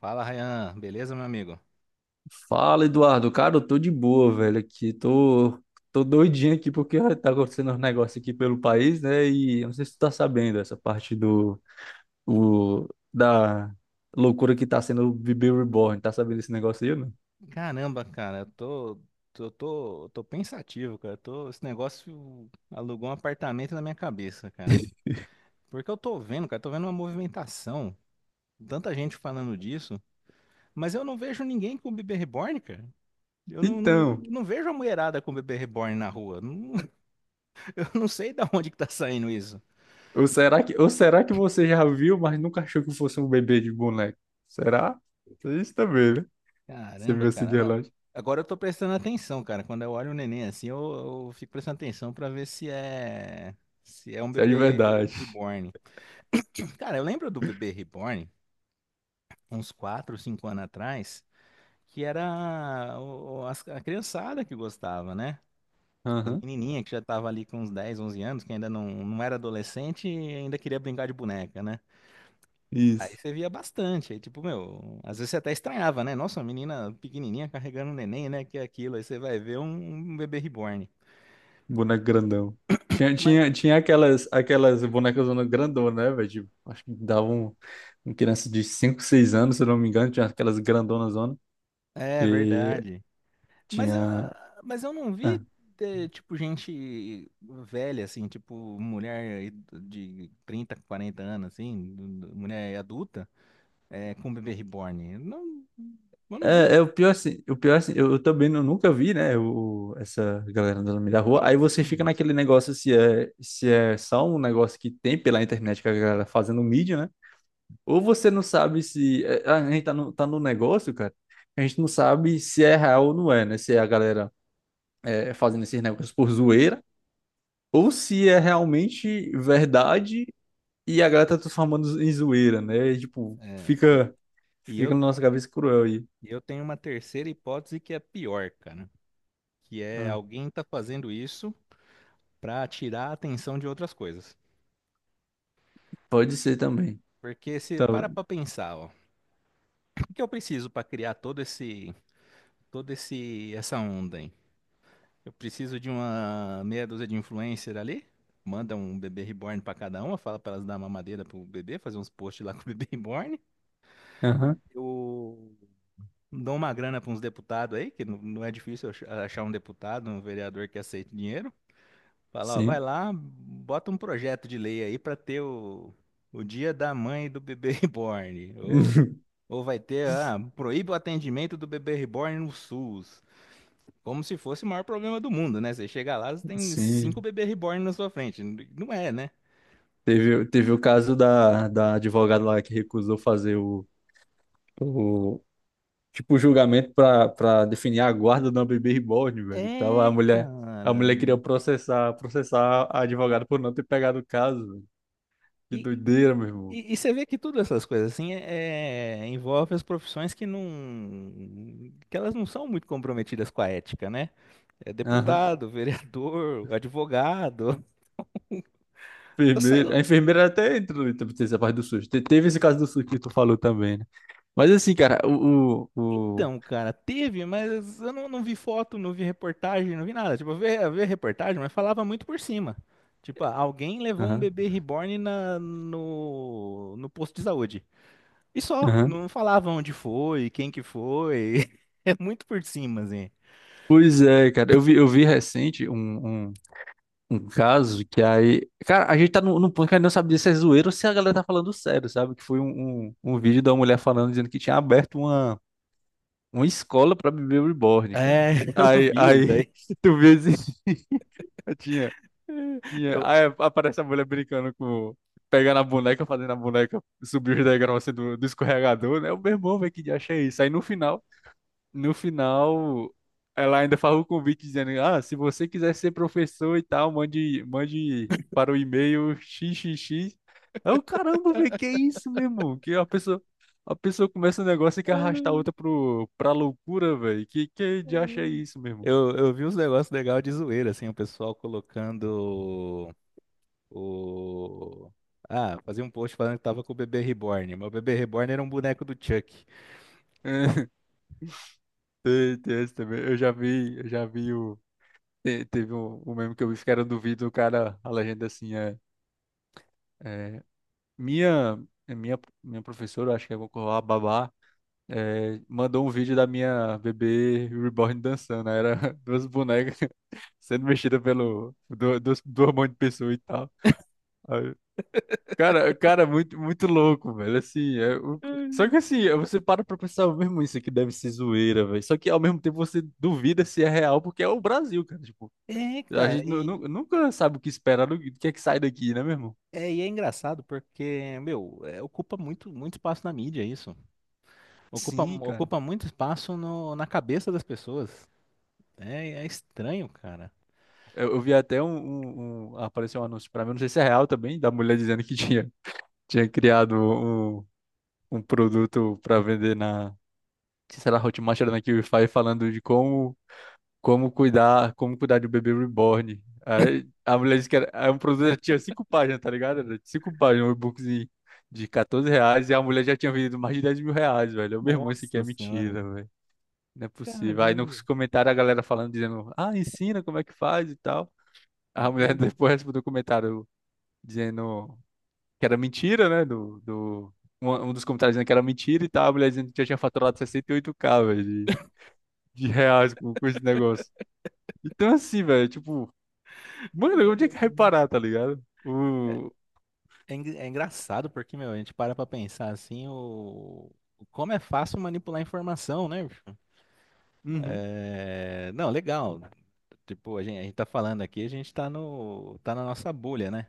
Fala, Ryan. Beleza, meu amigo? Fala, Eduardo. Cara, eu tô de boa, velho, aqui. Tô doidinho aqui porque tá acontecendo uns negócios aqui pelo país, né? E eu não sei se tu tá sabendo essa parte da loucura que tá sendo o Bebê Reborn. Tá sabendo esse negócio aí, né? Caramba, cara, eu tô pensativo, cara. Tô, esse negócio alugou um apartamento na minha cabeça, cara. Porque eu tô vendo, cara, tô vendo uma movimentação, tanta gente falando disso, mas eu não vejo ninguém com bebê reborn, cara. Eu não, não, Então, não vejo a mulherada com bebê reborn na rua. Não- eu não sei da onde que tá saindo isso. ou será que você já viu, mas nunca achou que fosse um bebê de boneco? Será? Isso também, né? Você Caramba, viu esse cara. dia Mas lá? Isso agora eu tô prestando atenção, cara. Quando eu olho o neném assim, eu fico prestando atenção pra ver se é um é de bebê verdade. reborn. Cara, eu lembro do bebê reborn uns 4, 5 anos atrás, que era a criançada que gostava, né? As Aham. menininhas que já tava ali com uns 10, 11 anos, que ainda não era adolescente e ainda queria brincar de boneca, né? Aí Isso. você via bastante, aí tipo, meu, às vezes você até estranhava, né? Nossa, uma menina pequenininha carregando um neném, né? Que é aquilo, aí você vai ver um bebê reborn. Boneco grandão. Tinha, Mas tinha, tinha aquelas bonecas grandonas, né, velho? Tipo, acho que davam um criança de 5 6 anos, se eu não me engano, tinha aquelas grandonas zona é que verdade. Mas, tinha. ah, mas eu não ah, vi, tipo, gente velha, assim, tipo, mulher de 30, 40 anos, assim, mulher adulta, com bebê reborn. Não, eu não é vi. O pior assim, eu também não, nunca vi, né, o, essa galera andando no meio da rua. Aí você fica naquele negócio se é só um negócio que tem pela internet que a galera fazendo mídia, né? Ou você não sabe se. A gente tá no, negócio, cara. A gente não sabe se é real ou não é, né? Se é a galera fazendo esses negócios por zoeira, ou se é realmente verdade e a galera tá transformando em zoeira, né? E, tipo, É, e, fica, e fica eu, na nossa cabeça cruel aí. e eu tenho uma terceira hipótese que é pior, cara. Que é Ah, alguém tá fazendo isso para tirar a atenção de outras coisas. pode ser também. Porque se Tá. para pensar, ó, o que eu preciso para criar essa onda, hein? Eu preciso de uma meia dúzia de influencer ali, manda um bebê reborn para cada uma, fala para elas dar mamadeira pro bebê, fazer uns posts lá com o bebê reborn. Aham, Eu dou uma grana para uns deputados aí, que não é difícil achar um deputado, um vereador que aceite dinheiro. Fala, ó, vai sim. lá, bota um projeto de lei aí para ter o dia da mãe do bebê reborn. ou Ou vai ter, ah, proíbe o atendimento do bebê reborn no SUS. Como se fosse o maior problema do mundo, né? Você chega lá, você tem cinco Sim. bebê reborn na sua frente. Não é, né? Teve o caso da advogada lá que recusou fazer o tipo, o julgamento pra definir a guarda de uma bebê reborn, velho. Tava a É, mulher, a cara. mulher queria processar a advogada por não ter pegado o caso, velho. Que E, doideira, meu irmão. E você vê que todas essas coisas assim é, envolve as profissões que não, que elas não são muito comprometidas com a ética, né? É Aham. deputado, vereador, advogado, sei. Enfermeira. A enfermeira até entrou em essa parte do SUS. Teve esse caso do SUS que tu falou também, né? Mas assim, cara. Então, cara, teve, mas eu não vi foto, não vi reportagem, não vi nada. Tipo, eu vi a reportagem, mas falava muito por cima. Tipo, ah, alguém levou um Aham, bebê reborn na, no posto de saúde. E só, aham. não falava onde foi, quem que foi. É muito por cima, assim. Pois é, cara. Eu vi recente um caso que Cara, a gente tá num ponto que a gente não sabe se é zoeiro ou se a galera tá falando sério, sabe? Que foi um vídeo da mulher falando, dizendo que tinha aberto uma escola pra bebê reborn, cara. É, eu Aí, vi isso aí, daí. tu vê assim, tinha Tinha. Eu, Aí aparece a mulher brincando com. Pegando a boneca, fazendo a boneca subir os degraus assim, do escorregador, né? O meu irmão, velho, que dia é isso. Aí no final, ela ainda faz o convite dizendo: Ah, se você quiser ser professor e tal, mande para o e-mail xxx. Eu, caramba, velho, que isso, meu irmão? Que a pessoa começa um negócio e quer arrastar a outra pra loucura, velho. Que dia é isso, meu irmão? Eu vi uns negócios legais de zoeira, assim, o pessoal colocando o... Ah, fazia um post falando que tava com o bebê reborn. Meu bebê reborn era um boneco do Chuck. Tem esse também. Eu já vi o. Teve um meme que eu vi que era do vídeo, o cara, a legenda assim, é, minha, minha professora, acho que é a babá, mandou um vídeo da minha bebê reborn dançando, aí era duas bonecas sendo mexidas do hormônio de pessoa e tal. Aí, cara, muito, muito louco, velho, assim, só que assim, você para pra pensar, mesmo isso aqui deve ser zoeira, velho, só que ao mesmo tempo você duvida se é real, porque é o Brasil, cara, tipo, É, a cara, gente nu- nu- nunca sabe o que esperar, do que é que sai daqui, né, meu irmão? E é engraçado porque, meu, é, ocupa muito espaço na mídia isso. Ocupa, Sim, cara. ocupa muito espaço no, na cabeça das pessoas. É, é estranho, cara. Eu vi até um, um- um- Apareceu um anúncio pra mim, não sei se é real também, da mulher dizendo que tinha criado um, um produto pra vender na. Que será Hotmart era na Qify, falando de como cuidar de um bebê reborn. Aí a mulher disse que era, é um produto que tinha cinco páginas, tá ligado? Era cinco páginas, um e-bookzinho de R$ 14, e a mulher já tinha vendido mais de R$ 10.000, velho. Eu, meu irmão, isso aqui é Nossa senhora. mentira, não é Caramba, possível. Aí meu nos comentários a galera falando, dizendo, ah, ensina como é que faz e tal. A mulher Deus. depois respondeu o comentário dizendo que era mentira, né? Um dos comentários dizendo que era mentira e tal. A mulher dizendo que já tinha faturado 68K velho, de reais com esse negócio. Então, assim, velho, tipo, mano, onde é que reparar, tá ligado? É, O. É engraçado porque, meu, a gente para pra pensar assim, o... como é fácil manipular informação, né, bicho? Uhum, É, não, legal. Tipo, a gente tá falando aqui, a gente tá no, tá na nossa bolha, né?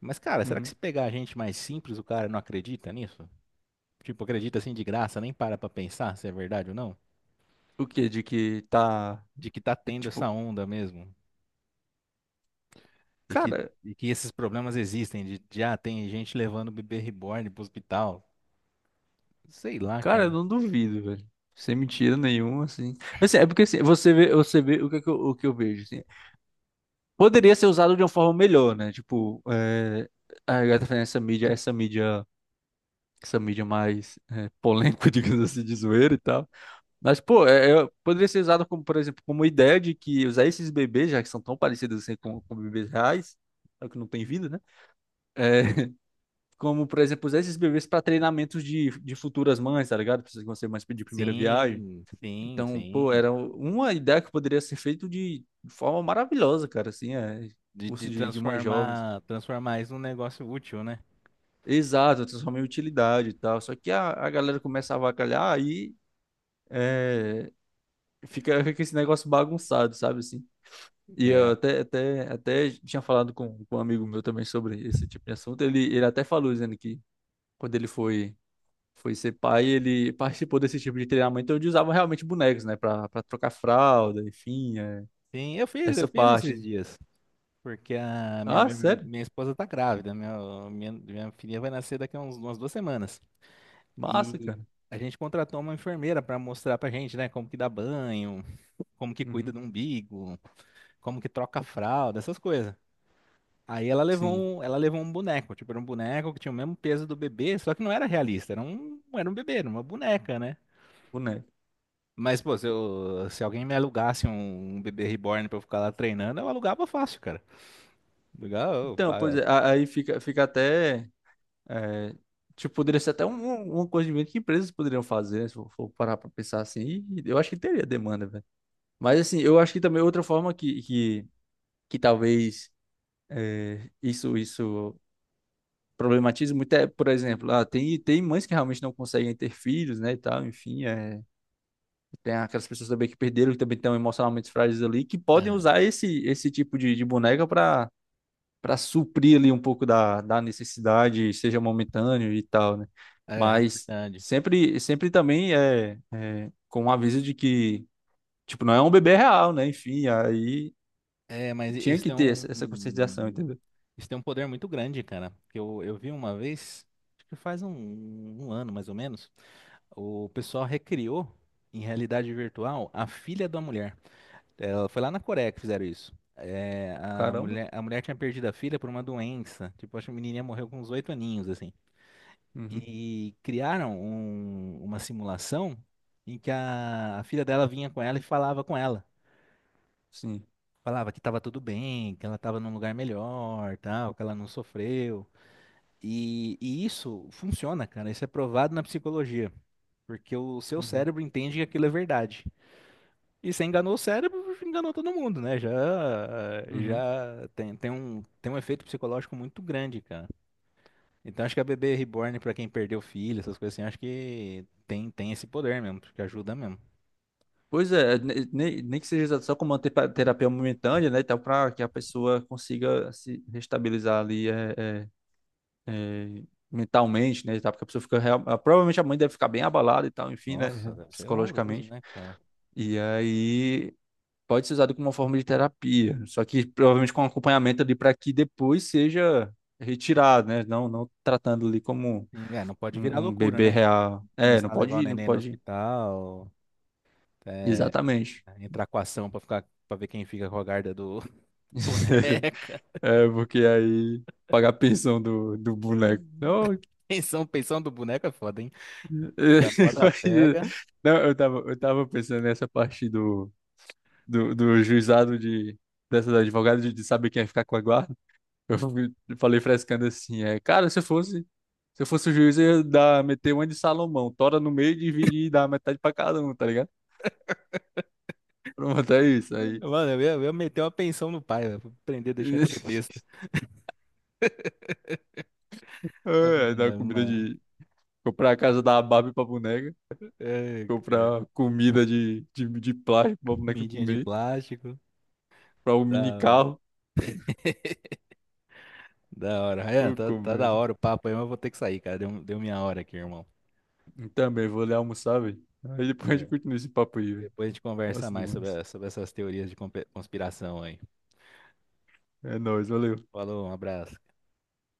Mas, cara, será que uhum. se pegar a gente mais simples, o cara não acredita nisso? Tipo, acredita assim de graça, nem para pra pensar se é verdade ou não? O quê? De que tá. De que tá tendo essa tipo, onda mesmo. E que, cara. e que esses problemas existem, de ah, tem gente levando o bebê reborn pro hospital. Sei lá, Cara, eu cara. não duvido, velho. Sem mentira nenhuma, assim. Assim, é porque assim, você vê o que, é que eu, o que eu vejo, assim. Poderia ser usado de uma forma melhor, né? Tipo, a galera fazendo essa mídia mais polêmica, digamos assim, de zoeira e tal. Mas, pô, poderia ser usado como, por exemplo, como ideia de que usar esses bebês, já que são tão parecidos assim com bebês reais, só que não tem vida, né? É, como, por exemplo, usar esses bebês para treinamentos de futuras mães, tá ligado? Pessoas que vão ser mães de primeira viagem. Sim, sim, Então, pô, sim. era uma ideia que poderia ser feito de forma maravilhosa, cara, assim, De curso de mães jovens. transformar, transformar isso num negócio útil, né? Exato, transformar em utilidade e tal. Só que a galera começa a avacalhar, aí é, fica, esse negócio bagunçado, sabe, assim. E eu É. até tinha falado com um amigo meu também sobre esse tipo de assunto. Ele até falou, dizendo que quando ele foi ser pai, ele participou desse tipo de treinamento onde usavam realmente bonecos, né, pra trocar fralda, enfim, Sim, eu essa fiz parte, esses né? dias. Porque a Ah, sério? minha esposa tá grávida, minha filha vai nascer daqui a uns, umas duas semanas. Massa, E cara. a gente contratou uma enfermeira para mostrar pra gente, né, como que dá banho, como que cuida Uhum. do umbigo, como que troca a fralda, essas coisas. Aí Sim, ela levou um boneco, tipo, era um boneco que tinha o mesmo peso do bebê, só que não era realista, era era um bebê, era uma boneca, né? boneco. Mas, pô, se alguém me alugasse um bebê reborn pra eu ficar lá treinando, eu alugava fácil, cara. Alugava, eu Então, pois paga- é, aí fica até. é, tipo, poderia ser até uma coisa de venda que empresas poderiam fazer, né, se for parar pra pensar assim. E eu acho que teria demanda, velho. Mas, assim, eu acho que também outra forma que talvez isso problematize muito por exemplo, tem mães que realmente não conseguem ter filhos, né, e tal, enfim. É, tem aquelas pessoas também que perderam, que também estão emocionalmente frágeis ali, que podem usar esse tipo de boneca pra para suprir ali um pouco da necessidade, seja momentâneo e tal, né? É, é Mas verdade. sempre, sempre também é com o aviso de que, tipo, não é um bebê real, né? Enfim, aí É, mas tinha isso que tem ter essa conscientização, um. entendeu? Isso tem um poder muito grande, cara. Porque eu vi uma vez, acho que faz um ano mais ou menos, o pessoal recriou em realidade virtual a filha da mulher. Ela foi lá na Coreia que fizeram isso. É, Caramba. A mulher tinha perdido a filha por uma doença. Tipo, acho que a menininha morreu com uns oito aninhos, assim. Uhum, E criaram uma simulação em que a filha dela vinha com ela e falava com ela. sim. Falava que estava tudo bem, que ela estava num lugar melhor, tal, que ela não sofreu. E isso funciona, cara. Isso é provado na psicologia, porque o seu Uhum, cérebro entende que aquilo é verdade. E você enganou o cérebro, enganou todo mundo, né? Já, uhum. já tem, tem um efeito psicológico muito grande, cara. Então acho que a bebê reborn, pra quem perdeu filho, essas coisas assim, acho que tem, tem esse poder mesmo, porque ajuda mesmo. Pois é, nem que seja só com uma terapia momentânea, né? e tal, para que a pessoa consiga se restabilizar ali é, mentalmente, né, e tal, porque a pessoa fica, provavelmente a mãe deve ficar bem abalada e tal, enfim, Nossa, né, deve ser horroroso, psicologicamente. né, cara? E aí pode ser usado como uma forma de terapia, só que provavelmente com acompanhamento ali para que depois seja retirado, né, não tratando ali como Sim, é, não pode virar um loucura, bebê né? Com- real. É, não começar a levar o pode, não neném no pode, hospital, é, exatamente. entrar com ação pra ficar, para ver quem fica com a guarda do, boneca. É, porque aí pagar a pensão do boneco. Não, Pensão, pensão do boneco é foda, hein? O da moda mas, pega. não, eu tava pensando nessa parte do do juizado de, dessa da advogada de saber quem ia ficar com a guarda. Eu falei frescando assim, cara, se eu fosse o juiz, eu ia meter uma de Salomão, tora no meio, dividir e dar metade pra cada um, tá ligado? Pronto, é isso. Aí, Mano, eu ia meter uma pensão no pai, velho, pra aprender a deixar de ser besta. Ah, é, dar comida mano. de, comprar a casa da Barbie pra boneca, É, cara. comprar comida de plástico pra boneca Comidinha de comer, plástico. pra um mini Da hora. carro. Da hora. Ryan, Ô, tá da comédia. hora o papo aí, mas eu vou ter que sair, cara. Deu, deu minha hora aqui, irmão. E também vou ali almoçar, velho. Aí depois a É, gente continua esse papo aí, velho. depois a gente conversa Massa mais sobre, demais. Sobre essas teorias de conspiração aí. É nóis, valeu. Falou, um abraço.